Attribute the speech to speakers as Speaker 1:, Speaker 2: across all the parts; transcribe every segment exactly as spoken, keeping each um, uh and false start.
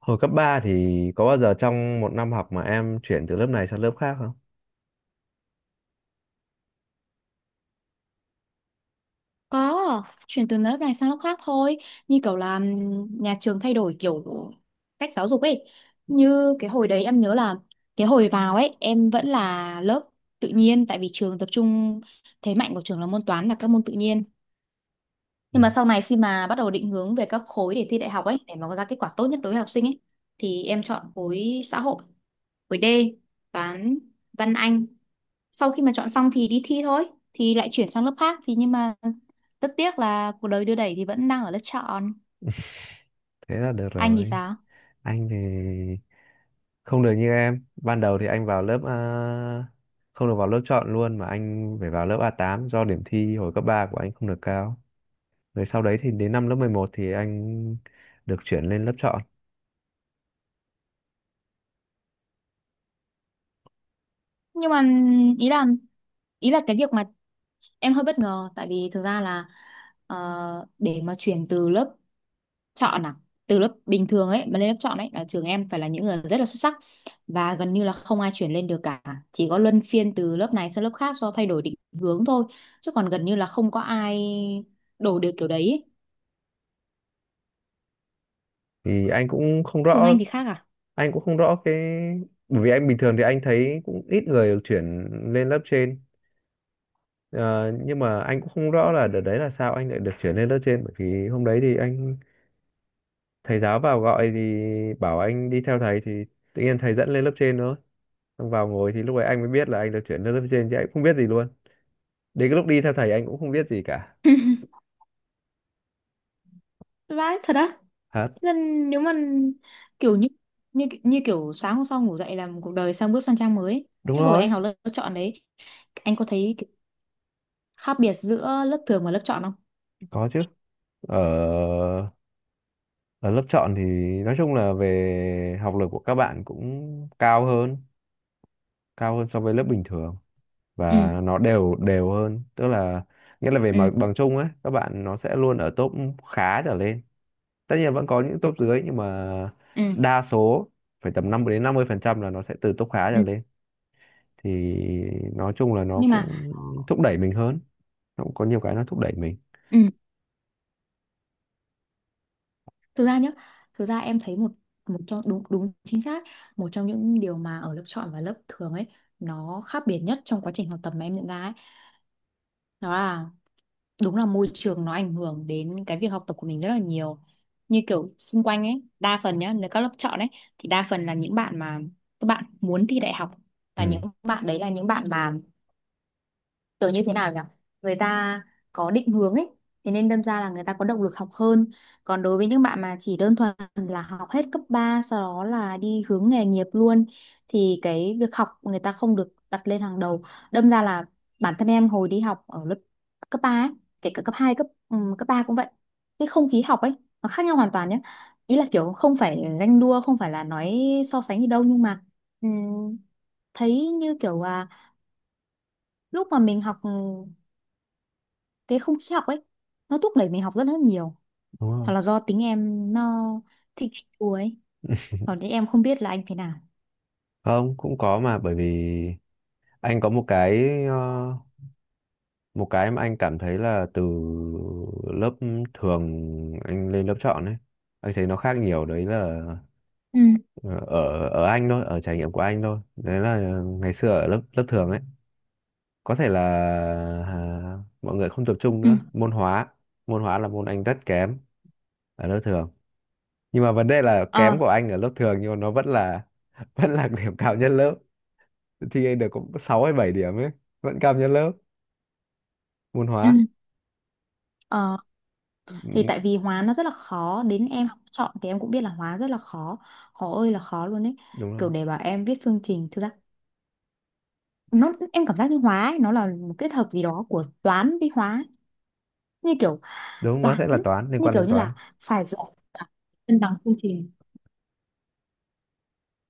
Speaker 1: Hồi cấp ba thì có bao giờ trong một năm học mà em chuyển từ lớp này sang lớp khác không?
Speaker 2: Có, chuyển từ lớp này sang lớp khác thôi. Như kiểu là ừm, nhà trường thay đổi kiểu cách giáo dục ấy. Như cái hồi đấy em nhớ là cái hồi vào ấy em vẫn là lớp tự nhiên, tại vì trường tập trung thế mạnh của trường là môn toán, là các môn tự nhiên. Nhưng
Speaker 1: Ừ,
Speaker 2: mà sau này, khi mà bắt đầu định hướng về các khối để thi đại học ấy, để mà có ra kết quả tốt nhất đối với học sinh ấy, thì em chọn khối xã hội, với D, toán văn Anh. Sau khi mà chọn xong thì đi thi thôi, thì lại chuyển sang lớp khác thì, nhưng mà rất tiếc là cuộc đời đưa đẩy thì vẫn đang ở lớp chọn.
Speaker 1: thế là được
Speaker 2: Anh thì
Speaker 1: rồi.
Speaker 2: sao?
Speaker 1: Anh thì không được như em. Ban đầu thì anh vào lớp, à, không được vào lớp chọn luôn mà anh phải vào lớp a tám do điểm thi hồi cấp ba của anh không được cao. Rồi sau đấy thì đến năm lớp mười một thì anh được chuyển lên lớp chọn.
Speaker 2: Nhưng mà ý là ý là cái việc mà em hơi bất ngờ, tại vì thực ra là, ờ, để mà chuyển từ lớp chọn à, từ lớp bình thường ấy mà lên lớp chọn ấy, là trường em phải là những người rất là xuất sắc, và gần như là không ai chuyển lên được cả, chỉ có luân phiên từ lớp này sang lớp khác do thay đổi định hướng thôi, chứ còn gần như là không có ai đổ được kiểu đấy ấy.
Speaker 1: Thì anh cũng không
Speaker 2: Trường
Speaker 1: rõ
Speaker 2: anh thì khác à?
Speaker 1: anh cũng không rõ cái, bởi vì anh bình thường thì anh thấy cũng ít người được chuyển lên lớp trên. Ờ, nhưng mà anh cũng không rõ là đợt đấy là sao anh lại được chuyển lên lớp trên, bởi vì hôm đấy thì anh, thầy giáo vào gọi thì bảo anh đi theo thầy, thì tự nhiên thầy dẫn lên lớp trên thôi, xong vào ngồi thì lúc ấy anh mới biết là anh được chuyển lên lớp trên chứ anh cũng không biết gì luôn. Đến cái lúc đi theo thầy anh cũng không biết gì cả.
Speaker 2: Vãi thật á.
Speaker 1: Hả?
Speaker 2: Nên nếu mà kiểu như như như kiểu sáng hôm sau ngủ dậy là một cuộc đời sang, bước sang trang mới ấy.
Speaker 1: Đúng
Speaker 2: Chứ hồi anh
Speaker 1: rồi.
Speaker 2: học lớp chọn đấy, anh có thấy cái khác biệt giữa lớp thường và lớp chọn không?
Speaker 1: Có chứ. Ở ở lớp chọn thì nói chung là về học lực của các bạn cũng cao hơn, cao hơn so với lớp bình thường,
Speaker 2: Ừ.
Speaker 1: và nó đều đều hơn, tức là nghĩa là về
Speaker 2: Ừ.
Speaker 1: mặt bằng chung ấy các bạn nó sẽ luôn ở top khá trở lên. Tất nhiên vẫn có những top dưới nhưng mà
Speaker 2: Ừ.
Speaker 1: đa số phải tầm năm mươi đến năm mươi phần trăm là nó sẽ từ top khá trở
Speaker 2: Ừ.
Speaker 1: lên. Thì nói chung là nó
Speaker 2: Nhưng mà
Speaker 1: cũng thúc đẩy mình hơn, nó cũng có nhiều cái nó thúc đẩy mình.
Speaker 2: ừ, thực ra nhá, thực ra em thấy một một trong đúng đúng chính xác, một trong những điều mà ở lớp chọn và lớp thường ấy, nó khác biệt nhất trong quá trình học tập mà em nhận ra ấy, đó là, đúng là môi trường nó ảnh hưởng đến cái việc học tập của mình rất là nhiều. Như kiểu xung quanh ấy, đa phần nhá, nếu các lớp chọn ấy, thì đa phần là những bạn mà các bạn muốn thi đại học, và những
Speaker 1: Ừ,
Speaker 2: bạn đấy là những bạn mà kiểu như thế nào nhỉ, người ta có định hướng ấy, thế nên đâm ra là người ta có động lực học hơn. Còn đối với những bạn mà chỉ đơn thuần là học hết cấp ba sau đó là đi hướng nghề nghiệp luôn, thì cái việc học người ta không được đặt lên hàng đầu. Đâm ra là bản thân em hồi đi học ở lớp cấp ba ấy, kể cả cấp hai, cấp ừm, cấp ba cũng vậy, cái không khí học ấy nó khác nhau hoàn toàn nhé. Ý là kiểu không phải ganh đua, không phải là nói so sánh gì đâu, nhưng mà ừm, thấy như kiểu là lúc mà mình học, thế không khí học ấy nó thúc đẩy mình học rất là nhiều.
Speaker 1: đúng rồi.
Speaker 2: Hoặc là do tính em nó thích đùa ấy, còn thì em không biết là anh thế nào.
Speaker 1: Không, cũng có, mà bởi vì anh có một cái, ờ, một cái mà anh cảm thấy là từ lớp thường anh lên lớp chọn ấy, anh thấy nó khác nhiều đấy là,
Speaker 2: Ừ.
Speaker 1: Ờ, ở ở anh thôi, ở trải nghiệm của anh thôi, đấy là ngày xưa ở lớp lớp thường ấy có thể là, à, mọi người không tập trung
Speaker 2: Ừ.
Speaker 1: nữa môn hóa. Môn hóa là môn anh rất kém ở lớp thường, nhưng mà vấn đề là
Speaker 2: Ờ.
Speaker 1: kém của anh ở lớp thường nhưng mà nó vẫn là vẫn là điểm cao nhất lớp. Thi được cũng sáu hay bảy điểm ấy, vẫn cao nhất lớp môn
Speaker 2: Ừ.
Speaker 1: hóa.
Speaker 2: Ờ,
Speaker 1: Ừ,
Speaker 2: thì tại vì hóa nó rất là khó, đến em học chọn thì em cũng biết là hóa rất là khó, khó ơi là khó luôn ấy.
Speaker 1: đúng
Speaker 2: Kiểu
Speaker 1: rồi.
Speaker 2: để bảo em viết phương trình, thực ra nó em cảm giác như hóa ấy, nó là một kết hợp gì đó của toán với hóa ấy. Như kiểu
Speaker 1: Đúng, nó
Speaker 2: toán,
Speaker 1: sẽ là toán, liên
Speaker 2: như
Speaker 1: quan
Speaker 2: kiểu
Speaker 1: đến
Speaker 2: như
Speaker 1: toán.
Speaker 2: là phải giỏi cả cân bằng phương trình,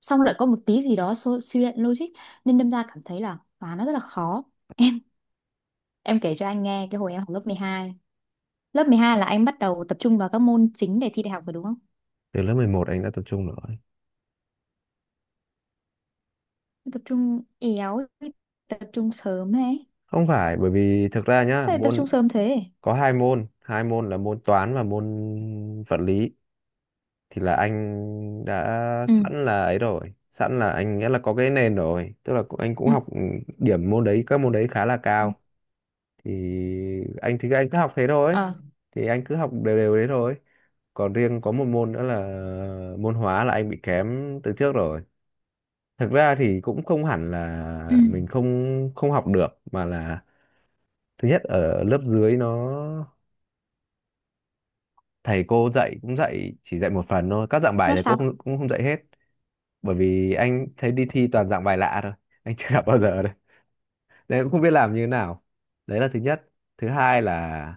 Speaker 2: xong lại có một tí gì đó so- suy luận logic, nên đâm ra cảm thấy là toán nó rất là khó. Em kể cho anh nghe cái hồi em học lớp mười hai. Lớp mười hai là anh bắt đầu tập trung vào các môn chính để thi đại học rồi đúng không?
Speaker 1: Từ lớp mười một anh đã tập trung rồi.
Speaker 2: Tập trung éo, tập trung sớm ấy.
Speaker 1: Không phải, bởi vì thực ra nhá
Speaker 2: Sao lại tập
Speaker 1: môn,
Speaker 2: trung sớm thế?
Speaker 1: có hai môn, hai môn là môn toán và môn vật lý thì là anh đã
Speaker 2: Ừ.
Speaker 1: sẵn là ấy rồi, sẵn là anh nghĩa là có cái nền rồi, tức là cũng, anh cũng
Speaker 2: Ừ.
Speaker 1: học, ừ, điểm môn đấy các môn đấy khá là
Speaker 2: Ừ.
Speaker 1: cao. Thì anh, thì anh cứ học thế thôi,
Speaker 2: Ờ.
Speaker 1: thì anh cứ học đều đều đấy thôi. Còn riêng có một môn nữa là môn hóa là anh bị kém từ trước rồi. Thực ra thì cũng không hẳn
Speaker 2: Ừ.
Speaker 1: là mình không không học được, mà là thứ nhất ở lớp dưới nó, thầy cô dạy cũng dạy chỉ dạy một phần thôi, các dạng bài
Speaker 2: Nó
Speaker 1: thầy cô
Speaker 2: sao?
Speaker 1: không, cũng không dạy hết. Bởi vì anh thấy đi thi toàn dạng bài lạ thôi, anh chưa gặp bao giờ đấy nên cũng không biết làm như thế nào. Đấy là thứ nhất. Thứ hai là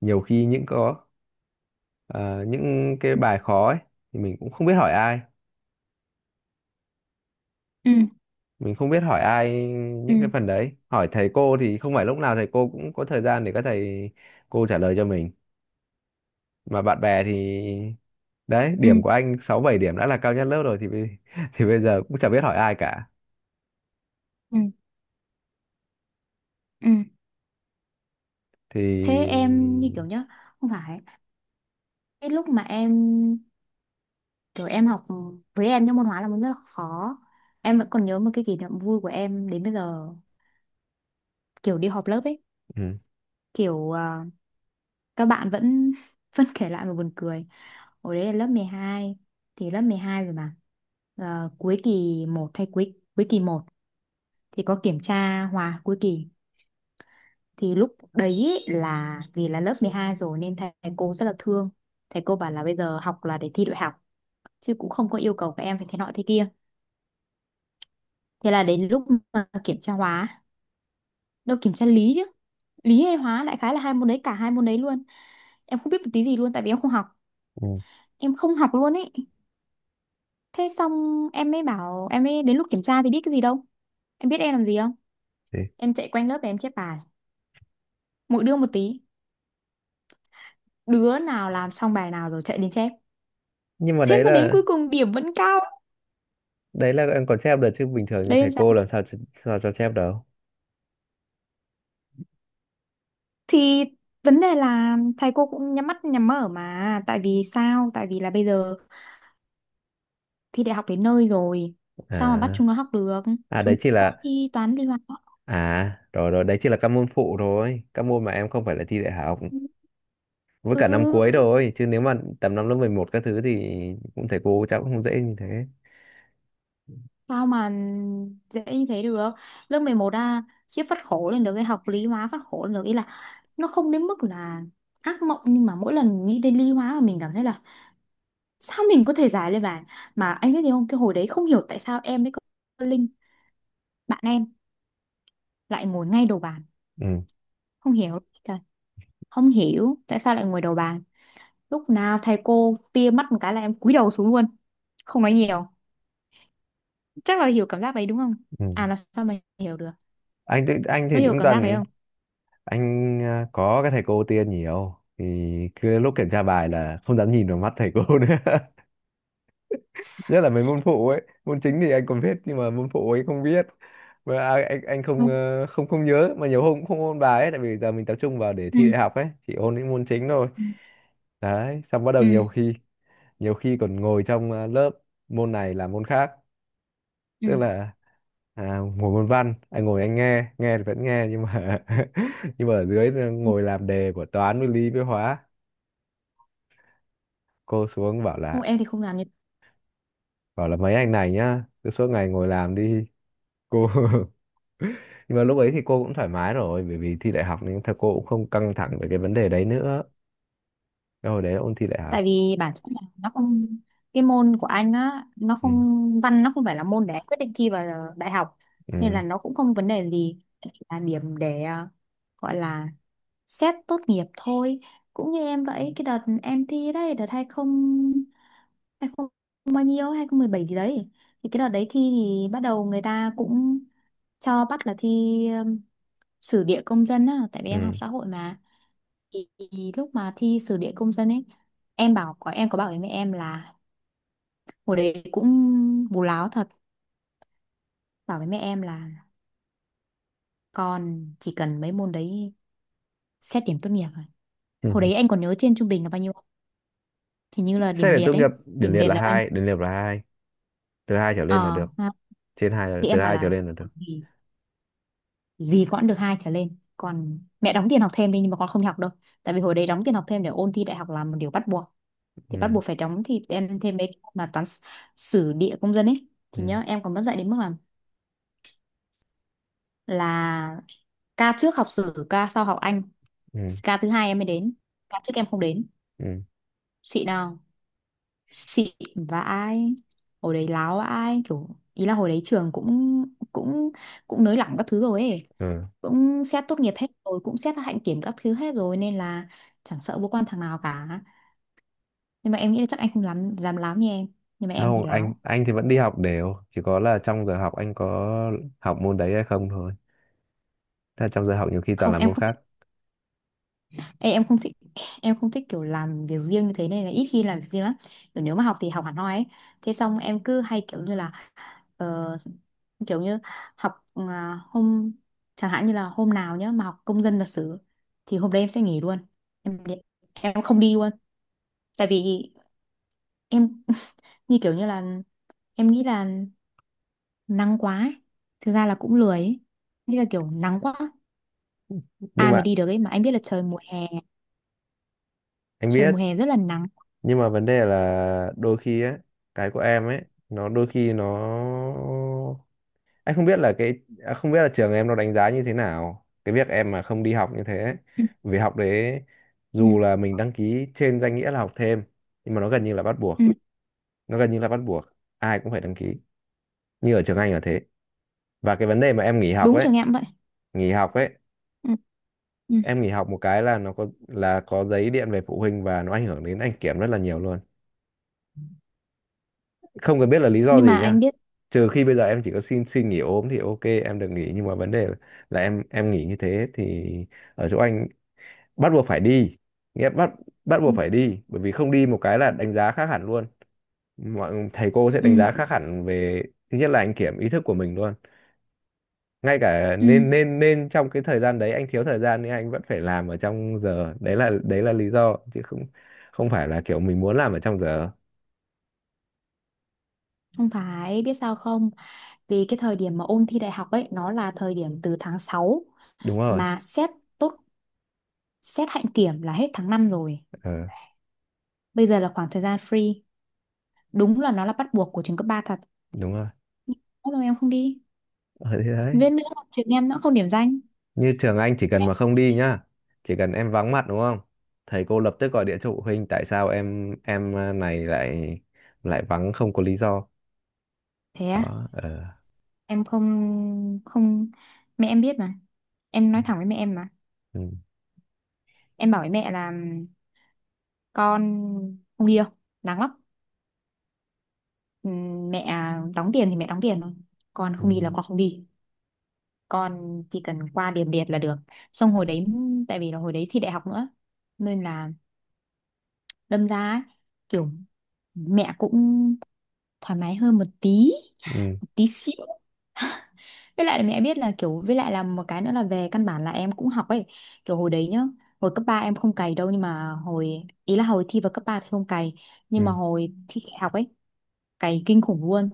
Speaker 1: nhiều khi những có, ờ, những cái
Speaker 2: Ừ.
Speaker 1: bài khó ấy thì mình cũng không biết hỏi ai.
Speaker 2: Ừ.
Speaker 1: Mình không biết hỏi ai những cái phần đấy. Hỏi thầy cô thì không phải lúc nào thầy cô cũng có thời gian để các thầy cô trả lời cho mình. Mà bạn bè thì đấy,
Speaker 2: Ừ.
Speaker 1: điểm của anh sáu bảy điểm đã là cao nhất lớp rồi thì bây- thì bây giờ cũng chả biết hỏi ai cả.
Speaker 2: Ừ. Ừ. Thế
Speaker 1: Thì
Speaker 2: em như kiểu nhá, không phải, cái lúc mà em kiểu em học, với em những môn hóa là môn rất là khó, em vẫn còn nhớ một cái kỷ niệm vui của em đến bây giờ, kiểu đi họp lớp ấy,
Speaker 1: ừ.
Speaker 2: kiểu à, các bạn vẫn vẫn kể lại mà buồn cười. Hồi đấy là lớp mười hai, thì lớp mười hai rồi mà. Ờ, cuối kỳ một hay cuối cuối kỳ một, thì có kiểm tra hòa cuối kỳ. Thì lúc đấy ý là vì là lớp mười hai rồi nên thầy cô rất là thương. Thầy cô bảo là bây giờ học là để thi đại học, chứ cũng không có yêu cầu các em phải thế nọ thế kia. Thế là đến lúc mà kiểm tra hóa, đâu kiểm tra lý chứ, lý hay hóa, đại khái là hai môn đấy, cả hai môn đấy luôn em không biết một tí gì luôn, tại vì em không học,
Speaker 1: Ừ.
Speaker 2: em không học luôn ấy. Thế xong em mới bảo, em mới đến lúc kiểm tra thì biết cái gì đâu. Em biết em làm gì không?
Speaker 1: Thế.
Speaker 2: Em chạy quanh lớp và em chép bài, mỗi đứa một tí, đứa nào làm xong bài nào rồi chạy đến chép.
Speaker 1: nhưng mà
Speaker 2: Thế
Speaker 1: đấy
Speaker 2: mà đến
Speaker 1: là
Speaker 2: cuối cùng điểm vẫn cao.
Speaker 1: đấy là em còn chép được chứ bình thường như
Speaker 2: Đấy
Speaker 1: thầy
Speaker 2: em
Speaker 1: cô
Speaker 2: sao.
Speaker 1: làm sao ch- sao cho chép đâu.
Speaker 2: Thì vấn đề là thầy cô cũng nhắm mắt nhắm mở mà, tại vì sao, tại vì là bây giờ thi đại học đến nơi rồi, sao mà bắt
Speaker 1: À,
Speaker 2: chúng nó học được,
Speaker 1: à đấy
Speaker 2: chúng
Speaker 1: chỉ
Speaker 2: nó có
Speaker 1: là
Speaker 2: thi toán lý hóa.
Speaker 1: à rồi rồi đấy chỉ là các môn phụ thôi, các môn mà em không phải là thi đại học, với cả năm
Speaker 2: Ừ,
Speaker 1: cuối thôi, chứ nếu mà tầm năm lớp mười một các thứ thì cũng thầy cô chắc cũng không dễ như thế.
Speaker 2: sao mà dễ như thế được? Lớp mười một à, khiếp, phát khổ lên được cái học lý hóa, phát khổ lên được. Ý là nó không đến mức là ác mộng, nhưng mà mỗi lần nghĩ đến lý hóa mà mình cảm thấy là sao mình có thể giải lên bàn. Mà anh biết gì không, cái hồi đấy không hiểu tại sao em với cô Linh, bạn em, lại ngồi ngay đầu bàn.
Speaker 1: Ừ,
Speaker 2: Không hiểu, trời, không hiểu tại sao lại ngồi đầu bàn. Lúc nào thầy cô tia mắt một cái là em cúi đầu xuống luôn, không nói nhiều. Chắc là hiểu cảm giác đấy đúng không?
Speaker 1: ừ.
Speaker 2: À là sao mà hiểu được,
Speaker 1: Anh thì- anh thì
Speaker 2: nó hiểu
Speaker 1: cũng
Speaker 2: cảm giác đấy
Speaker 1: toàn, anh, à, có cái thầy cô tia nhiều thì cứ lúc kiểm tra bài là không dám nhìn vào mắt thầy cô nữa. Nhất là mấy môn phụ ấy, môn chính thì anh còn biết nhưng mà môn phụ ấy không biết, mà à, anh anh không,
Speaker 2: không.
Speaker 1: ờ, không không nhớ mà nhiều hôm cũng không ôn bài ấy, tại vì giờ mình tập trung vào để
Speaker 2: Ừ.
Speaker 1: thi đại học ấy chỉ ôn những môn chính thôi.
Speaker 2: Ừ.
Speaker 1: Đấy, xong bắt đầu nhiều khi, nhiều khi còn ngồi trong, ờ, lớp, môn này làm môn khác.
Speaker 2: Ừ.
Speaker 1: Tức là, à, ngồi môn văn anh ngồi, anh nghe, nghe thì vẫn nghe, nhưng mà nhưng mà ở dưới, ờ,
Speaker 2: Ừ.
Speaker 1: ngồi làm đề của toán với lý với hóa. Cô xuống bảo
Speaker 2: Không
Speaker 1: là,
Speaker 2: em thì không làm như,
Speaker 1: bảo là mấy anh này nhá cứ suốt ngày ngồi làm đi. Cô nhưng mà lúc ấy thì cô cũng thoải mái rồi bởi vì thi đại học nên thật cô cũng không căng thẳng về cái vấn đề đấy nữa. Cái hồi đấy là ôn thi đại học.
Speaker 2: tại vì bản chất là nó không, cái môn của anh á nó
Speaker 1: Ừ.
Speaker 2: không văn, nó không phải là môn để anh quyết định thi vào đại học, nên
Speaker 1: Ừ.
Speaker 2: là nó cũng không vấn đề gì. Chỉ là điểm để ờ, gọi là xét tốt nghiệp thôi. Cũng như em vậy, cái đợt em thi đấy, đợt hai không hai không bao nhiêu, hai không mười bảy gì đấy, thì cái đợt đấy thi thì bắt đầu người ta cũng cho bắt là thi um, sử địa công dân á, tại vì
Speaker 1: Ừ.
Speaker 2: em học xã hội mà. thì thì lúc mà thi sử địa công dân ấy, em bảo có em có bảo với mẹ em là, hồi đấy cũng bù láo thật, bảo với mẹ em là con chỉ cần mấy môn đấy xét điểm tốt nghiệp rồi. Hồi
Speaker 1: Ừ.
Speaker 2: đấy anh còn nhớ trên trung bình là bao nhiêu không? Thì như là
Speaker 1: Xét
Speaker 2: điểm
Speaker 1: để
Speaker 2: liệt
Speaker 1: tốt
Speaker 2: ấy.
Speaker 1: nghiệp điểm
Speaker 2: Điểm
Speaker 1: liệt
Speaker 2: liệt
Speaker 1: là
Speaker 2: là bao nhiêu?
Speaker 1: hai, điểm liệt là hai. Từ hai trở lên là
Speaker 2: Ờ
Speaker 1: được.
Speaker 2: ha.
Speaker 1: Trên hai là,
Speaker 2: Thì
Speaker 1: từ
Speaker 2: em bảo
Speaker 1: hai trở
Speaker 2: là
Speaker 1: lên là được.
Speaker 2: gì, gì cũng được hai trở lên, còn mẹ đóng tiền học thêm đi nhưng mà con không đi học đâu. Tại vì hồi đấy đóng tiền học thêm để ôn thi đại học là một điều bắt buộc, thì bắt
Speaker 1: Ừ.
Speaker 2: buộc phải đóng, thì em thêm mấy cái mà toán, s- sử địa công dân ấy.
Speaker 1: Ừ.
Speaker 2: Thì nhớ em còn mất dạy đến mức là là, ca trước học sử, ca sau học Anh,
Speaker 1: Ừ.
Speaker 2: ca thứ hai em mới đến, ca trước em không đến.
Speaker 1: Ừ.
Speaker 2: Xịn nào. Xịn. Vãi. Hồi đấy láo ai kiểu, ý là hồi đấy trường cũng, cũng cũng nới lỏng các thứ rồi ấy,
Speaker 1: Ừ.
Speaker 2: cũng xét tốt nghiệp hết rồi, cũng xét hạnh kiểm các thứ hết rồi, nên là chẳng sợ vô quan thằng nào cả. Nhưng mà em nghĩ là chắc anh không dám dám láo như em, nhưng mà em thì
Speaker 1: Không, anh
Speaker 2: láo.
Speaker 1: anh thì vẫn đi học đều, chỉ có là trong giờ học anh có học môn đấy hay không thôi. Thế là trong giờ học nhiều khi toàn
Speaker 2: Không
Speaker 1: là
Speaker 2: em
Speaker 1: môn
Speaker 2: không.
Speaker 1: khác.
Speaker 2: Ê, em không thích, em không thích kiểu làm việc riêng như thế, nên là ít khi làm việc riêng lắm, kiểu nếu mà học thì học hẳn hoi ấy. Thế xong em cứ hay kiểu như là, ờ, kiểu như học à, hôm, chẳng hạn như là hôm nào nhá mà học công dân lịch sử, thì hôm đấy em sẽ nghỉ luôn. em đi- em không đi luôn, tại vì em, như kiểu như là em nghĩ là nắng quá ấy. Thực ra là cũng lười ấy. Như là kiểu nắng quá
Speaker 1: Nhưng
Speaker 2: ai mà
Speaker 1: mà
Speaker 2: đi được ấy. Mà anh biết là trời mùa hè
Speaker 1: anh
Speaker 2: trời mùa
Speaker 1: biết,
Speaker 2: hè rất là nắng.
Speaker 1: nhưng mà vấn đề là đôi khi á, cái của em ấy nó đôi khi nó, anh không biết là cái, à, không biết là trường em nó đánh giá như thế nào cái việc em mà không đi học như thế ấy.
Speaker 2: Ừ.
Speaker 1: Vì học đấy
Speaker 2: Ừ.
Speaker 1: dù là mình đăng ký trên danh nghĩa là học thêm nhưng mà nó gần như là bắt
Speaker 2: Ừ.
Speaker 1: buộc. Nó gần như là bắt buộc, ai cũng phải đăng ký. Như ở trường Anh là thế. Và cái vấn đề mà em nghỉ học
Speaker 2: Đúng
Speaker 1: ấy,
Speaker 2: trường em vậy.
Speaker 1: nghỉ học ấy,
Speaker 2: Ừ. Ừ.
Speaker 1: em nghỉ học một cái là nó có là có giấy điện về phụ huynh và nó ảnh hưởng đến anh kiểm rất là nhiều luôn. Không cần biết là lý do
Speaker 2: Nhưng mà
Speaker 1: gì
Speaker 2: anh
Speaker 1: nha.
Speaker 2: biết.
Speaker 1: Trừ khi bây giờ em chỉ có xin xin nghỉ ốm thì ok em được nghỉ, nhưng mà vấn đề là em em nghỉ như thế thì ở chỗ anh bắt buộc phải đi. Nghĩa bắt, bắt
Speaker 2: Ừ.
Speaker 1: buộc phải đi bởi vì không đi một cái là đánh giá khác hẳn luôn. Mọi thầy cô sẽ
Speaker 2: Ừ.
Speaker 1: đánh giá khác hẳn về, thứ nhất là anh kiểm ý thức của mình luôn. Ngay cả
Speaker 2: Ừ.
Speaker 1: nên nên nên trong cái thời gian đấy anh thiếu thời gian nhưng anh vẫn phải làm ở trong giờ, đấy là đấy là lý do chứ không, không phải là kiểu mình muốn làm ở trong giờ.
Speaker 2: Không phải biết sao không, vì cái thời điểm mà ôn thi đại học ấy nó là thời điểm từ tháng sáu,
Speaker 1: Đúng rồi.
Speaker 2: mà xét tốt xét hạnh kiểm là hết tháng năm rồi,
Speaker 1: Ờ,
Speaker 2: bây giờ là khoảng thời gian free. Đúng là nó là bắt buộc của trường cấp ba thật.
Speaker 1: đúng rồi.
Speaker 2: Thế rồi em không đi,
Speaker 1: Ở thế đấy.
Speaker 2: viết nữa là trường em nó không điểm danh.
Speaker 1: Như trường anh chỉ cần mà không đi nhá, chỉ cần em vắng mặt đúng không? Thầy cô lập tức gọi điện cho phụ huynh tại sao em em, à, này lại, lại vắng không có lý do.
Speaker 2: Thế á.
Speaker 1: Đó. Ờ.
Speaker 2: Em không, không, mẹ em biết mà, em nói thẳng với mẹ em mà.
Speaker 1: Ừ.
Speaker 2: Em bảo với mẹ là con không đi đâu, nắng lắm. Ừm, mẹ đóng tiền thì mẹ đóng tiền thôi, con
Speaker 1: Ừ.
Speaker 2: không đi là con không đi, con chỉ cần qua điểm liệt là được. Xong hồi đấy, tại vì là hồi đấy thi đại học nữa, nên là đâm ra ấy, kiểu mẹ cũng thoải mái hơn một tí,
Speaker 1: Ừ.
Speaker 2: một tí xíu. Với lại là mẹ biết là kiểu, với lại là một cái nữa là về căn bản là em cũng học ấy. Kiểu hồi đấy nhá, hồi cấp ba em không cày đâu, nhưng mà hồi ý là hồi thi vào cấp ba thì không cày,
Speaker 1: Ừ.
Speaker 2: nhưng mà hồi thi đại học ấy cày kinh khủng luôn,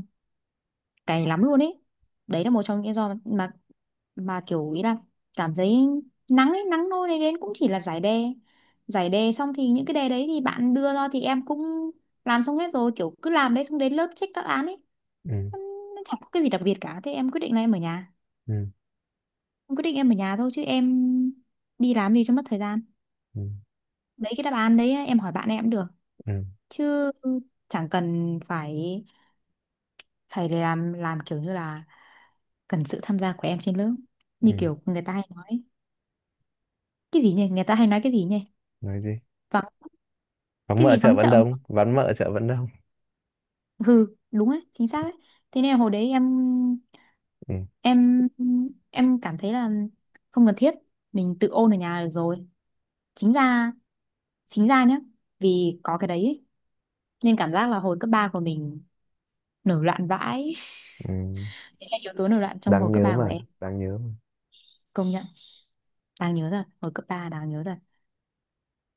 Speaker 2: cày lắm luôn ấy. Đấy là một trong những lý do mà mà mà kiểu ý là cảm thấy nắng ấy, nắng nôi này đến cũng chỉ là giải đề. Giải đề xong thì những cái đề đấy thì bạn đưa ra thì em cũng làm xong hết rồi, kiểu cứ làm đấy, xong đến lớp check đáp án ấy.
Speaker 1: Ừ.
Speaker 2: Nó nó chẳng có cái gì đặc biệt cả, thế em quyết định là em ở nhà.
Speaker 1: Ừ.
Speaker 2: Em quyết định em ở nhà thôi, chứ em đi làm gì cho mất thời gian.
Speaker 1: Ừ.
Speaker 2: Đấy, cái đáp án đấy em hỏi bạn em cũng được,
Speaker 1: Ừ.
Speaker 2: chứ chẳng cần phải phải làm, làm kiểu như là cần sự tham gia của em trên lớp, như
Speaker 1: Ừ.
Speaker 2: kiểu người ta hay nói. Cái gì nhỉ, người ta hay nói cái gì nhỉ,
Speaker 1: Nói gì?
Speaker 2: vắng,
Speaker 1: Vắng
Speaker 2: cái
Speaker 1: mợ
Speaker 2: gì
Speaker 1: chợ
Speaker 2: vắng
Speaker 1: vẫn
Speaker 2: chợ mà-
Speaker 1: đông, vắng mợ chợ vẫn đông.
Speaker 2: hừ, đúng ấy, chính xác ấy. Thế nên là hồi đấy em
Speaker 1: Ừ.
Speaker 2: em em cảm thấy là không cần thiết, mình tự ôn ở nhà được rồi. chính ra chính ra nhá, vì có cái đấy ấy, nên cảm giác là hồi cấp ba của mình nổi loạn vãi.
Speaker 1: Ừ.
Speaker 2: Đấy là yếu tố nổi loạn trong hồi
Speaker 1: Đáng
Speaker 2: cấp
Speaker 1: nhớ
Speaker 2: ba của
Speaker 1: mà,
Speaker 2: em.
Speaker 1: đáng nhớ
Speaker 2: Công nhận đáng nhớ rồi, hồi cấp ba đáng nhớ rồi.